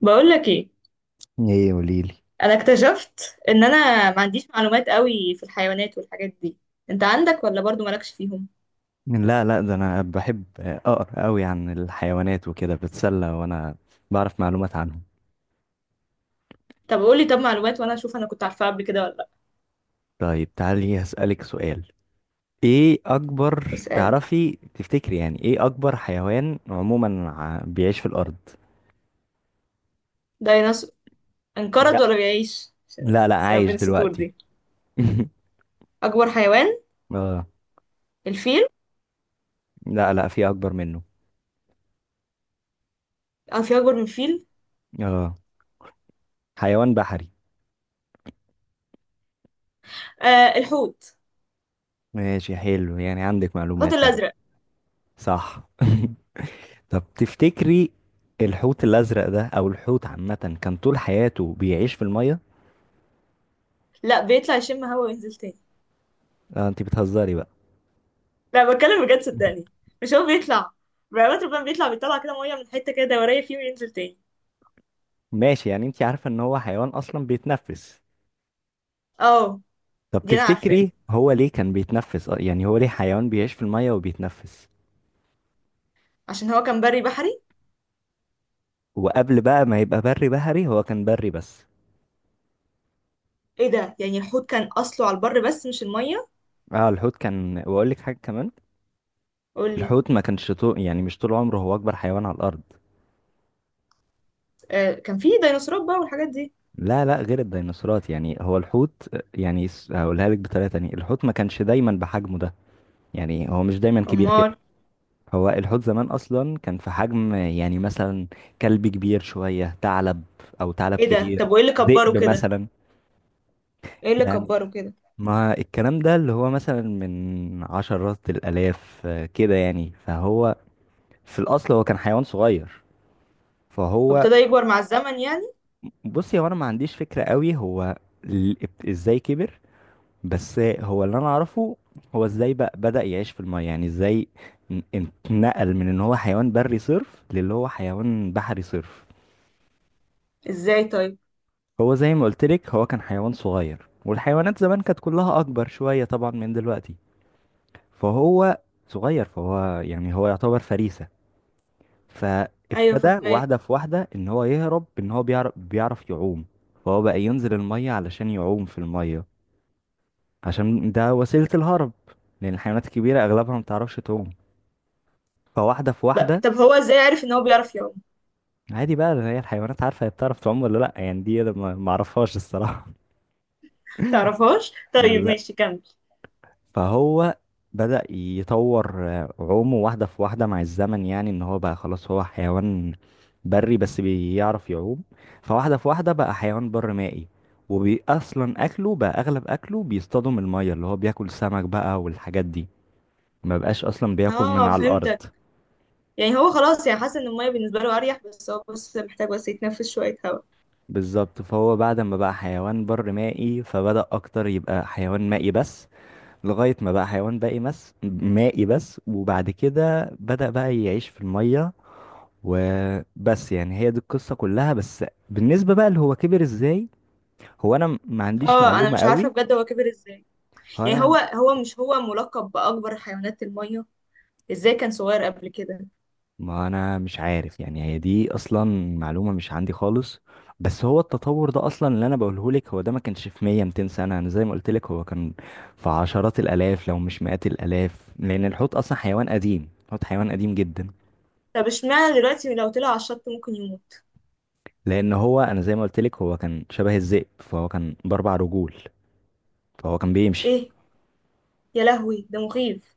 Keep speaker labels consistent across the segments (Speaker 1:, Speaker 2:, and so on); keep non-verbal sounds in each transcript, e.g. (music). Speaker 1: بقول لك ايه.
Speaker 2: ايه، قوليلي.
Speaker 1: انا اكتشفت ان انا ما عنديش معلومات قوي في الحيوانات والحاجات دي. انت عندك ولا برضو مالكش فيهم؟
Speaker 2: لا، لا، ده انا بحب اقرا قوي عن الحيوانات وكده بتسلى، وانا بعرف معلومات عنهم.
Speaker 1: طب قولي، طب معلومات وانا اشوف انا كنت عارفاها قبل كده ولا لا.
Speaker 2: طيب، تعالي هسألك سؤال. ايه اكبر
Speaker 1: اسالني.
Speaker 2: تعرفي تفتكري، يعني ايه اكبر حيوان عموما بيعيش في الارض؟
Speaker 1: ديناصور. انقرض
Speaker 2: لا،
Speaker 1: ولا بيعيش؟ عشان
Speaker 2: لا، لا،
Speaker 1: أسئلة بين
Speaker 2: عايش
Speaker 1: السطور
Speaker 2: دلوقتي.
Speaker 1: دي.
Speaker 2: (laughs)
Speaker 1: اكبر حيوان؟
Speaker 2: اه،
Speaker 1: الفيل.
Speaker 2: لا، لا، في اكبر منه.
Speaker 1: اه في اكبر من الفيل؟
Speaker 2: اه، حيوان بحري.
Speaker 1: آه الحوت.
Speaker 2: ماشي، حلو، يعني عندك
Speaker 1: الحوت
Speaker 2: معلومات اهو.
Speaker 1: الازرق.
Speaker 2: صح. (laughs) طب تفتكري، الحوت الازرق ده او الحوت عامه كان طول حياته بيعيش في الميه؟
Speaker 1: لا بيطلع يشم هوا وينزل تاني.
Speaker 2: آه، انت بتهزري بقى؟
Speaker 1: لا بتكلم بجد صدقني، مش هو بيطلع بقى؟ ربنا بيطلع كده ميه من حته كده دوريه فيه وينزل تاني.
Speaker 2: ماشي، يعني انت عارفه ان هو حيوان اصلا بيتنفس.
Speaker 1: اه
Speaker 2: طب
Speaker 1: دي انا عارفاها.
Speaker 2: تفتكري هو ليه كان بيتنفس، يعني هو ليه حيوان بيعيش في الميه وبيتنفس؟
Speaker 1: عشان هو كان بري بحري.
Speaker 2: وقبل بقى ما يبقى بري بحري هو كان بري بس.
Speaker 1: ايه ده؟ يعني الحوت كان اصله على البر بس مش الميه؟
Speaker 2: اه، الحوت كان، واقول لك حاجه كمان.
Speaker 1: قول لي.
Speaker 2: الحوت ما كانش طول، يعني مش طول عمره هو اكبر حيوان على الارض.
Speaker 1: آه كان في ديناصورات بقى والحاجات دي.
Speaker 2: لا، لا، غير الديناصورات، يعني هو الحوت، يعني هقولها لك بطريقه تانية، الحوت ما كانش دايما بحجمه ده. يعني هو مش دايما كبير كده.
Speaker 1: امال؟
Speaker 2: هو الحوت زمان اصلا كان في حجم، يعني مثلا كلب كبير شوية، ثعلب، او ثعلب
Speaker 1: ايه ده؟
Speaker 2: كبير،
Speaker 1: طب وايه اللي كبره
Speaker 2: ذئب
Speaker 1: كده؟
Speaker 2: مثلا.
Speaker 1: ايه اللي
Speaker 2: يعني
Speaker 1: كبره كده؟
Speaker 2: ما الكلام ده اللي هو مثلا من عشرات الالاف كده، يعني فهو في الاصل هو كان حيوان صغير. فهو،
Speaker 1: وابتدى يكبر مع الزمن يعني.
Speaker 2: بصي، هو انا ما عنديش فكرة قوي هو ال- ازاي كبر. بس هو اللي انا اعرفه، هو ازاي بقى بدأ يعيش في الميه، يعني ازاي اتنقل من ان هو حيوان بري صرف للي هو حيوان بحري صرف.
Speaker 1: ازاي طيب؟
Speaker 2: هو زي ما قلت لك، هو كان حيوان صغير، والحيوانات زمان كانت كلها اكبر شوية طبعا من دلوقتي. فهو صغير، فهو يعني هو يعتبر فريسة.
Speaker 1: ايوه
Speaker 2: فابتدى واحدة
Speaker 1: فهماك.
Speaker 2: في واحدة ان هو يهرب، ان هو بيعرف يعوم. فهو بقى ينزل الميه علشان يعوم في الميه. عشان ده وسيلة الهرب. لان الحيوانات الكبيرة اغلبها ما بتعرفش تعوم. فواحدة في
Speaker 1: بقى
Speaker 2: واحدة.
Speaker 1: طب هو ازاي عارف ان هو بيعرف يعوم؟
Speaker 2: عادي بقى، هي الحيوانات عارفة هي بتعرف تعوم ولا لأ، يعني دي أنا ما أعرفهاش الصراحة.
Speaker 1: تعرفهاش (laughs) طيب
Speaker 2: لا،
Speaker 1: ماشي كمل.
Speaker 2: فهو بدأ يطور عومه واحدة في واحدة مع الزمن، يعني إن هو بقى خلاص هو حيوان بري بس بيعرف يعوم. فواحدة في واحدة بقى حيوان بر مائي. وبي أصلا أكله بقى، أغلب أكله بيصطادوا من المية، اللي هو بياكل سمك بقى والحاجات دي. ما بقاش أصلا بياكل من
Speaker 1: اه
Speaker 2: على الأرض.
Speaker 1: فهمتك. يعني هو خلاص، يعني حاسس ان الميه بالنسبه له اريح، بس هو بس محتاج بس يتنفس شويه هواء.
Speaker 2: بالظبط، فهو بعد ما بقى حيوان بر مائي فبدأ أكتر يبقى حيوان مائي بس. لغاية ما بقى حيوان باقي بس مائي بس، وبعد كده بدأ بقى يعيش في المية. وبس، يعني هي دي القصة كلها، بس بالنسبة بقى اللي هو كبر ازاي، هو انا ما عنديش
Speaker 1: اه انا
Speaker 2: معلومة
Speaker 1: مش عارفه
Speaker 2: قوي.
Speaker 1: بجد هو كبر ازاي.
Speaker 2: هو
Speaker 1: يعني هو،
Speaker 2: انا،
Speaker 1: هو مش هو ملقب باكبر حيوانات الميه؟ ازاي كان صغير قبل كده؟
Speaker 2: ما انا مش عارف، يعني هي دي اصلا معلومة مش عندي خالص. بس هو التطور ده اصلا اللي انا بقوله لك، هو ده ما كانش في 100 200 سنة، انا زي ما قلت لك هو كان في عشرات الالاف لو مش مئات الالاف، لان الحوت اصلا حيوان قديم. الحوت حيوان قديم جدا.
Speaker 1: طب اشمعنى دلوقتي لو طلع على الشط ممكن يموت؟
Speaker 2: لان هو انا زي ما قلت لك، هو كان شبه الذئب، فهو كان باربع رجول. فهو كان بيمشي.
Speaker 1: ايه؟ يا لهوي ده مخيف،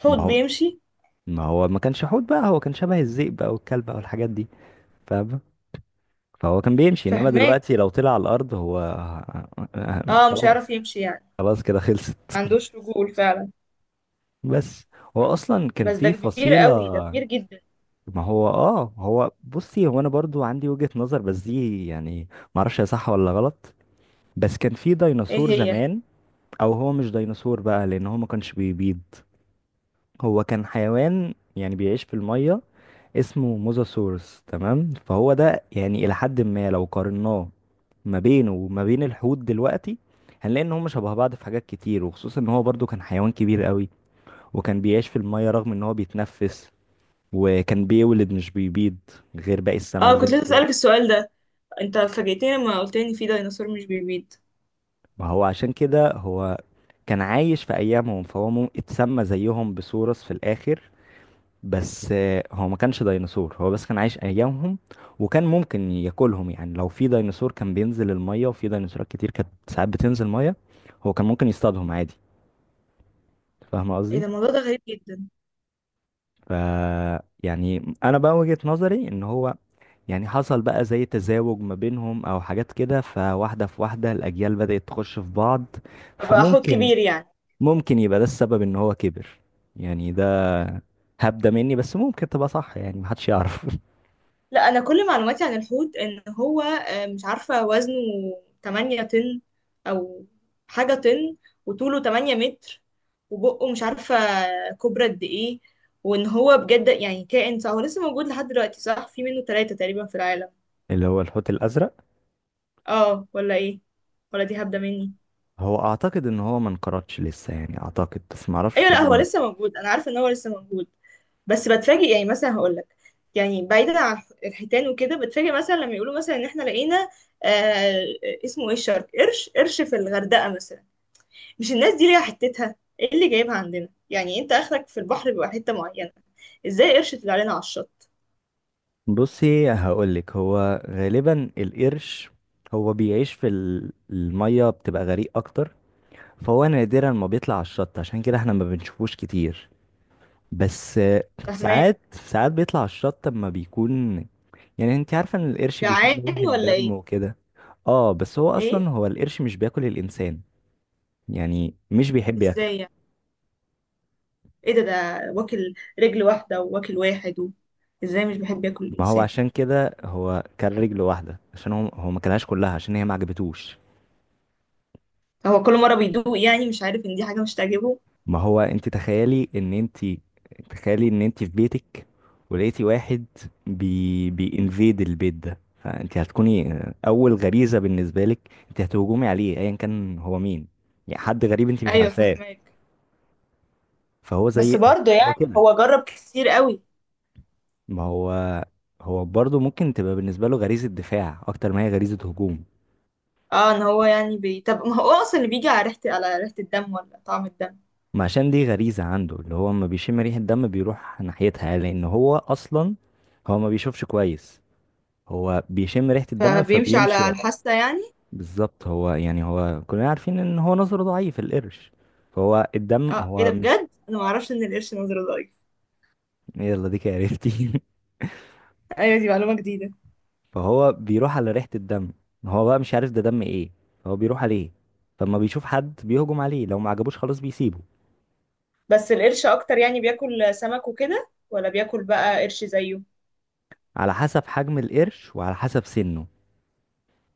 Speaker 1: حوت
Speaker 2: ما هو
Speaker 1: بيمشي؟
Speaker 2: ما هو ما كانش حوت بقى، هو كان شبه الذئب بقى والكلب بقى والحاجات دي. فاهمه؟ فهو كان بيمشي، انما
Speaker 1: فهماك.
Speaker 2: دلوقتي لو طلع على الارض هو. (laughs)
Speaker 1: اه مش هيعرف
Speaker 2: خلاص،
Speaker 1: يمشي يعني.
Speaker 2: خلاص كده، خلصت.
Speaker 1: ما عندوش رجول فعلا.
Speaker 2: بس هو اصلا كان
Speaker 1: بس ده
Speaker 2: في
Speaker 1: كبير
Speaker 2: فصيله.
Speaker 1: قوي، ده كبير جدا.
Speaker 2: ما هو، اه، هو، بصي، هو انا برضو عندي وجهة نظر، بس دي يعني ما اعرفش هي صح ولا غلط. بس كان في
Speaker 1: ايه
Speaker 2: ديناصور
Speaker 1: هي؟
Speaker 2: زمان. او هو مش ديناصور بقى، لان هو ما كانش بيبيض. هو كان حيوان يعني بيعيش في المية. اسمه موزاسورس، تمام؟ فهو ده يعني إلى حد ما، لو قارناه ما بينه وما بين الحوت دلوقتي، هنلاقي ان هما شبه بعض في حاجات كتير، وخصوصا ان هو برضو كان حيوان كبير قوي، وكان بيعيش في المية رغم ان هو بيتنفس، وكان بيولد مش بيبيض، غير باقي السمك،
Speaker 1: اه
Speaker 2: زي
Speaker 1: كنت لسه
Speaker 2: الحوت.
Speaker 1: اسالك السؤال ده. انت فاجئتني لما قلت لي إن في ديناصور مش بيبيض.
Speaker 2: ما هو عشان كده، هو كان عايش في ايامهم، فهو اتسمى زيهم بسورس في الاخر. بس هو ما كانش ديناصور، هو بس كان عايش ايامهم. وكان ممكن ياكلهم، يعني لو في ديناصور كان بينزل الميه، وفي ديناصورات كتير كانت ساعات بتنزل ميه، هو كان ممكن يصطادهم عادي. فاهم
Speaker 1: ايه
Speaker 2: قصدي؟
Speaker 1: ده؟ الموضوع ده غريب جدا.
Speaker 2: ف يعني انا بقى وجهة نظري ان هو، يعني حصل بقى زي تزاوج ما بينهم او حاجات كده، فواحده في واحده الاجيال بدأت تخش في بعض.
Speaker 1: فبقى حوت
Speaker 2: فممكن
Speaker 1: كبير يعني.
Speaker 2: ممكن يبقى ده السبب ان هو كبر. يعني ده هبدة مني، بس ممكن تبقى صح، يعني محدش يعرف.
Speaker 1: لا انا كل معلوماتي عن الحوت ان هو مش عارفه وزنه، 8 طن او حاجه طن، وطوله 8 متر، وبقه مش عارفه كبرى قد ايه. وان هو بجد يعني كائن صح، هو لسه موجود لحد دلوقتي صح؟ في منه ثلاثة تقريبا في العالم.
Speaker 2: (laughs) اللي هو الحوت الازرق.
Speaker 1: اه ولا ايه؟ ولا دي هبده مني؟
Speaker 2: هو اعتقد ان هو ما انقرضش لسه، يعني اعتقد، بس ما اعرفش،
Speaker 1: ايوه لا هو
Speaker 2: فاضل.
Speaker 1: لسه موجود، انا عارفه ان هو لسه موجود. بس بتفاجئ يعني، مثلا هقول لك، يعني بعيدا عن الحيتان وكده، بتفاجئ مثلا لما يقولوا مثلا ان احنا لقينا، آه اسمه ايه، الشرك، قرش، قرش في الغردقه مثلا. مش الناس دي ليها حتتها؟ ايه اللي جايبها عندنا يعني؟ انت اخرك في البحر بيبقى حته معينه، ازاي قرش طلع لنا على الشط؟
Speaker 2: بصي، هقول لك، هو غالبا القرش، هو بيعيش في الميه بتبقى غريق اكتر، فهو نادرا ما بيطلع على الشط، عشان كده احنا ما بنشوفوش كتير. بس
Speaker 1: فاهماك.
Speaker 2: ساعات ساعات بيطلع على الشط اما بيكون، يعني انت عارفه ان القرش
Speaker 1: جعان
Speaker 2: بيشم ريحه
Speaker 1: ولا
Speaker 2: الدم
Speaker 1: ايه؟
Speaker 2: وكده. اه، بس هو
Speaker 1: ايه؟
Speaker 2: اصلا، هو القرش مش بياكل الانسان. يعني مش بيحب ياكله.
Speaker 1: ازاي يعني؟ ايه ده؟ ده واكل رجل واحده، وواكل واحد ازاي مش بحب ياكل
Speaker 2: ما هو
Speaker 1: الانسان؟
Speaker 2: عشان كده، هو كان رجل واحدة، عشان هو ما كلهاش كلها، عشان هي ما عجبتوش.
Speaker 1: هو كل مره بيدوق يعني، مش عارف ان دي حاجه مش تعجبه؟
Speaker 2: ما هو انت تخيلي ان انت، تخيلي ان انت في بيتك، ولقيتي واحد بينفيد البيت ده، فانت هتكوني، اول غريزة بالنسبة لك انت هتهجمي عليه، ايا كان هو مين، يعني حد غريب انت مش
Speaker 1: ايوه
Speaker 2: عارفاه.
Speaker 1: فاهماك.
Speaker 2: فهو
Speaker 1: بس
Speaker 2: زي،
Speaker 1: برضه
Speaker 2: هو
Speaker 1: يعني
Speaker 2: كده.
Speaker 1: هو جرب كتير قوي.
Speaker 2: ما هو، هو برضه ممكن تبقى بالنسبة له غريزة دفاع اكتر ما هي غريزة هجوم.
Speaker 1: اه ان هو يعني طب ما هو اصلا اللي بيجي على ريحة الدم ولا طعم الدم؟
Speaker 2: ما عشان دي غريزة عنده، اللي هو لما بيشم ريحة دم بيروح ناحيتها، لأن هو أصلا، هو ما بيشوفش كويس. هو بيشم ريحة الدم
Speaker 1: فبيمشي
Speaker 2: فبيمشي
Speaker 1: على الحاسة يعني.
Speaker 2: بالظبط، هو يعني، هو كلنا عارفين إن هو نظره ضعيف، القرش. فهو الدم
Speaker 1: اه ايه ده،
Speaker 2: هو
Speaker 1: بجد انا ما اعرفش ان القرش نظره ضعيف.
Speaker 2: يلا، ديك عرفتي.
Speaker 1: ايوه دي معلومة جديدة.
Speaker 2: (laughs) فهو بيروح على ريحة الدم، هو بقى مش عارف ده دم ايه، هو بيروح عليه. فلما بيشوف حد بيهجم عليه، لو ما عجبوش خلاص بيسيبه.
Speaker 1: بس القرش اكتر يعني بياكل سمك وكده ولا بياكل بقى قرش زيه؟
Speaker 2: على حسب حجم القرش وعلى حسب سنه.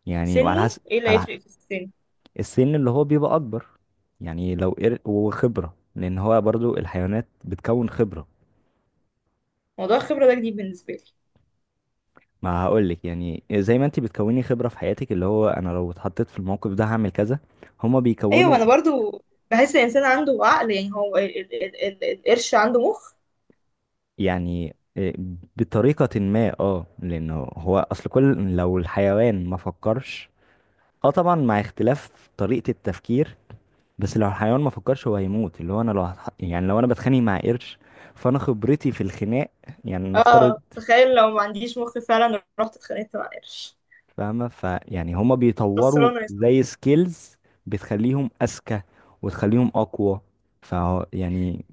Speaker 2: يعني وعلى
Speaker 1: سنه؟
Speaker 2: حسب،
Speaker 1: ايه اللي
Speaker 2: على
Speaker 1: هيفرق في السن؟
Speaker 2: السن اللي هو بيبقى اكبر، يعني لو وخبره، لان هو برضو الحيوانات بتكون خبره.
Speaker 1: موضوع الخبرة ده جديد بالنسبة لي.
Speaker 2: ما هقولك، يعني زي ما انت بتكوني خبره في حياتك، اللي هو انا لو اتحطيت في الموقف ده هعمل كذا، هما
Speaker 1: ايوه
Speaker 2: بيكونوا.
Speaker 1: انا برضو بحس الانسان عنده عقل، يعني هو القرش عنده مخ؟
Speaker 2: يعني إيه؟ بطريقه ما، اه، لانه هو اصل كل، لو الحيوان ما فكرش، اه، طبعا مع اختلاف طريقه التفكير. بس لو الحيوان ما فكرش هو هيموت، اللي هو انا لو يعني لو انا بتخانق مع قرش، فانا خبرتي في الخناق، يعني نفترض.
Speaker 1: اه تخيل لو ما عنديش مخ فعلا رحت اتخانقت مع قرش،
Speaker 2: فاهمة؟ فيعني هما بيطوروا
Speaker 1: فصلانه يا صاحبي.
Speaker 2: زي سكيلز، بتخليهم أذكى وتخليهم أقوى. ف يعني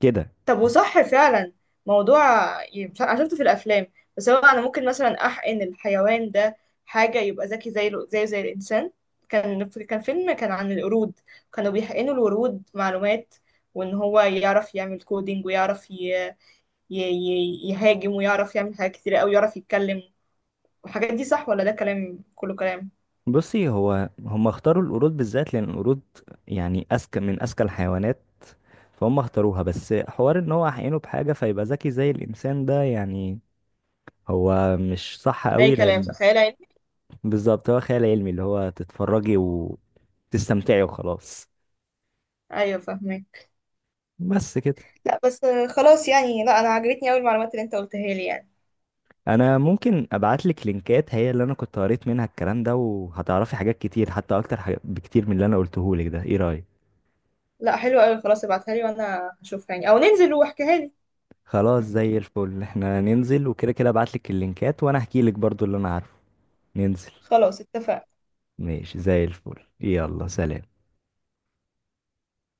Speaker 2: كده.
Speaker 1: طب وصح فعلا موضوع ي- مش عارفة- انا شفته في الافلام، بس هو انا ممكن مثلا احقن الحيوان ده حاجه يبقى ذكي زي زيه زي الانسان؟ كان فيلم كان عن القرود، كانوا بيحقنوا الورود معلومات، وان هو يعرف يعمل كودينج، ويعرف يهاجم، ويعرف يعمل حاجات كتير قوي، يعرف يتكلم والحاجات دي. صح ولا ده كلام، كله كلام؟
Speaker 2: بصي، هو هم اختاروا القرود بالذات لأن القرود يعني أذكى من أذكى الحيوانات، فهم اختاروها، بس حوار إن هو عينه بحاجة فيبقى ذكي زي الإنسان، ده يعني هو مش صح
Speaker 1: اي
Speaker 2: قوي،
Speaker 1: كلام
Speaker 2: لأن.
Speaker 1: صح، خيال علمي.
Speaker 2: بالظبط، هو خيال علمي، اللي هو تتفرجي وتستمتعي وخلاص.
Speaker 1: ايوه فاهمك.
Speaker 2: بس كده.
Speaker 1: لا بس خلاص يعني، لا انا عجبتني قوي المعلومات اللي انت قلتها لي يعني.
Speaker 2: انا ممكن ابعت لك لينكات، هي اللي انا كنت قريت منها الكلام ده، وهتعرفي حاجات كتير، حتى اكتر حاجات بكتير من اللي انا قلته لك ده، ايه رايك؟
Speaker 1: لا حلو قوي، خلاص ابعتها لي وانا هشوفها يعني، او ننزل واحكيها لي.
Speaker 2: خلاص، زي الفل، احنا ننزل وكده كده، ابعت لك اللينكات وانا احكي لك برضو اللي انا عارفه. ننزل.
Speaker 1: خلاص اتفقنا.
Speaker 2: ماشي، زي الفل، يلا سلام.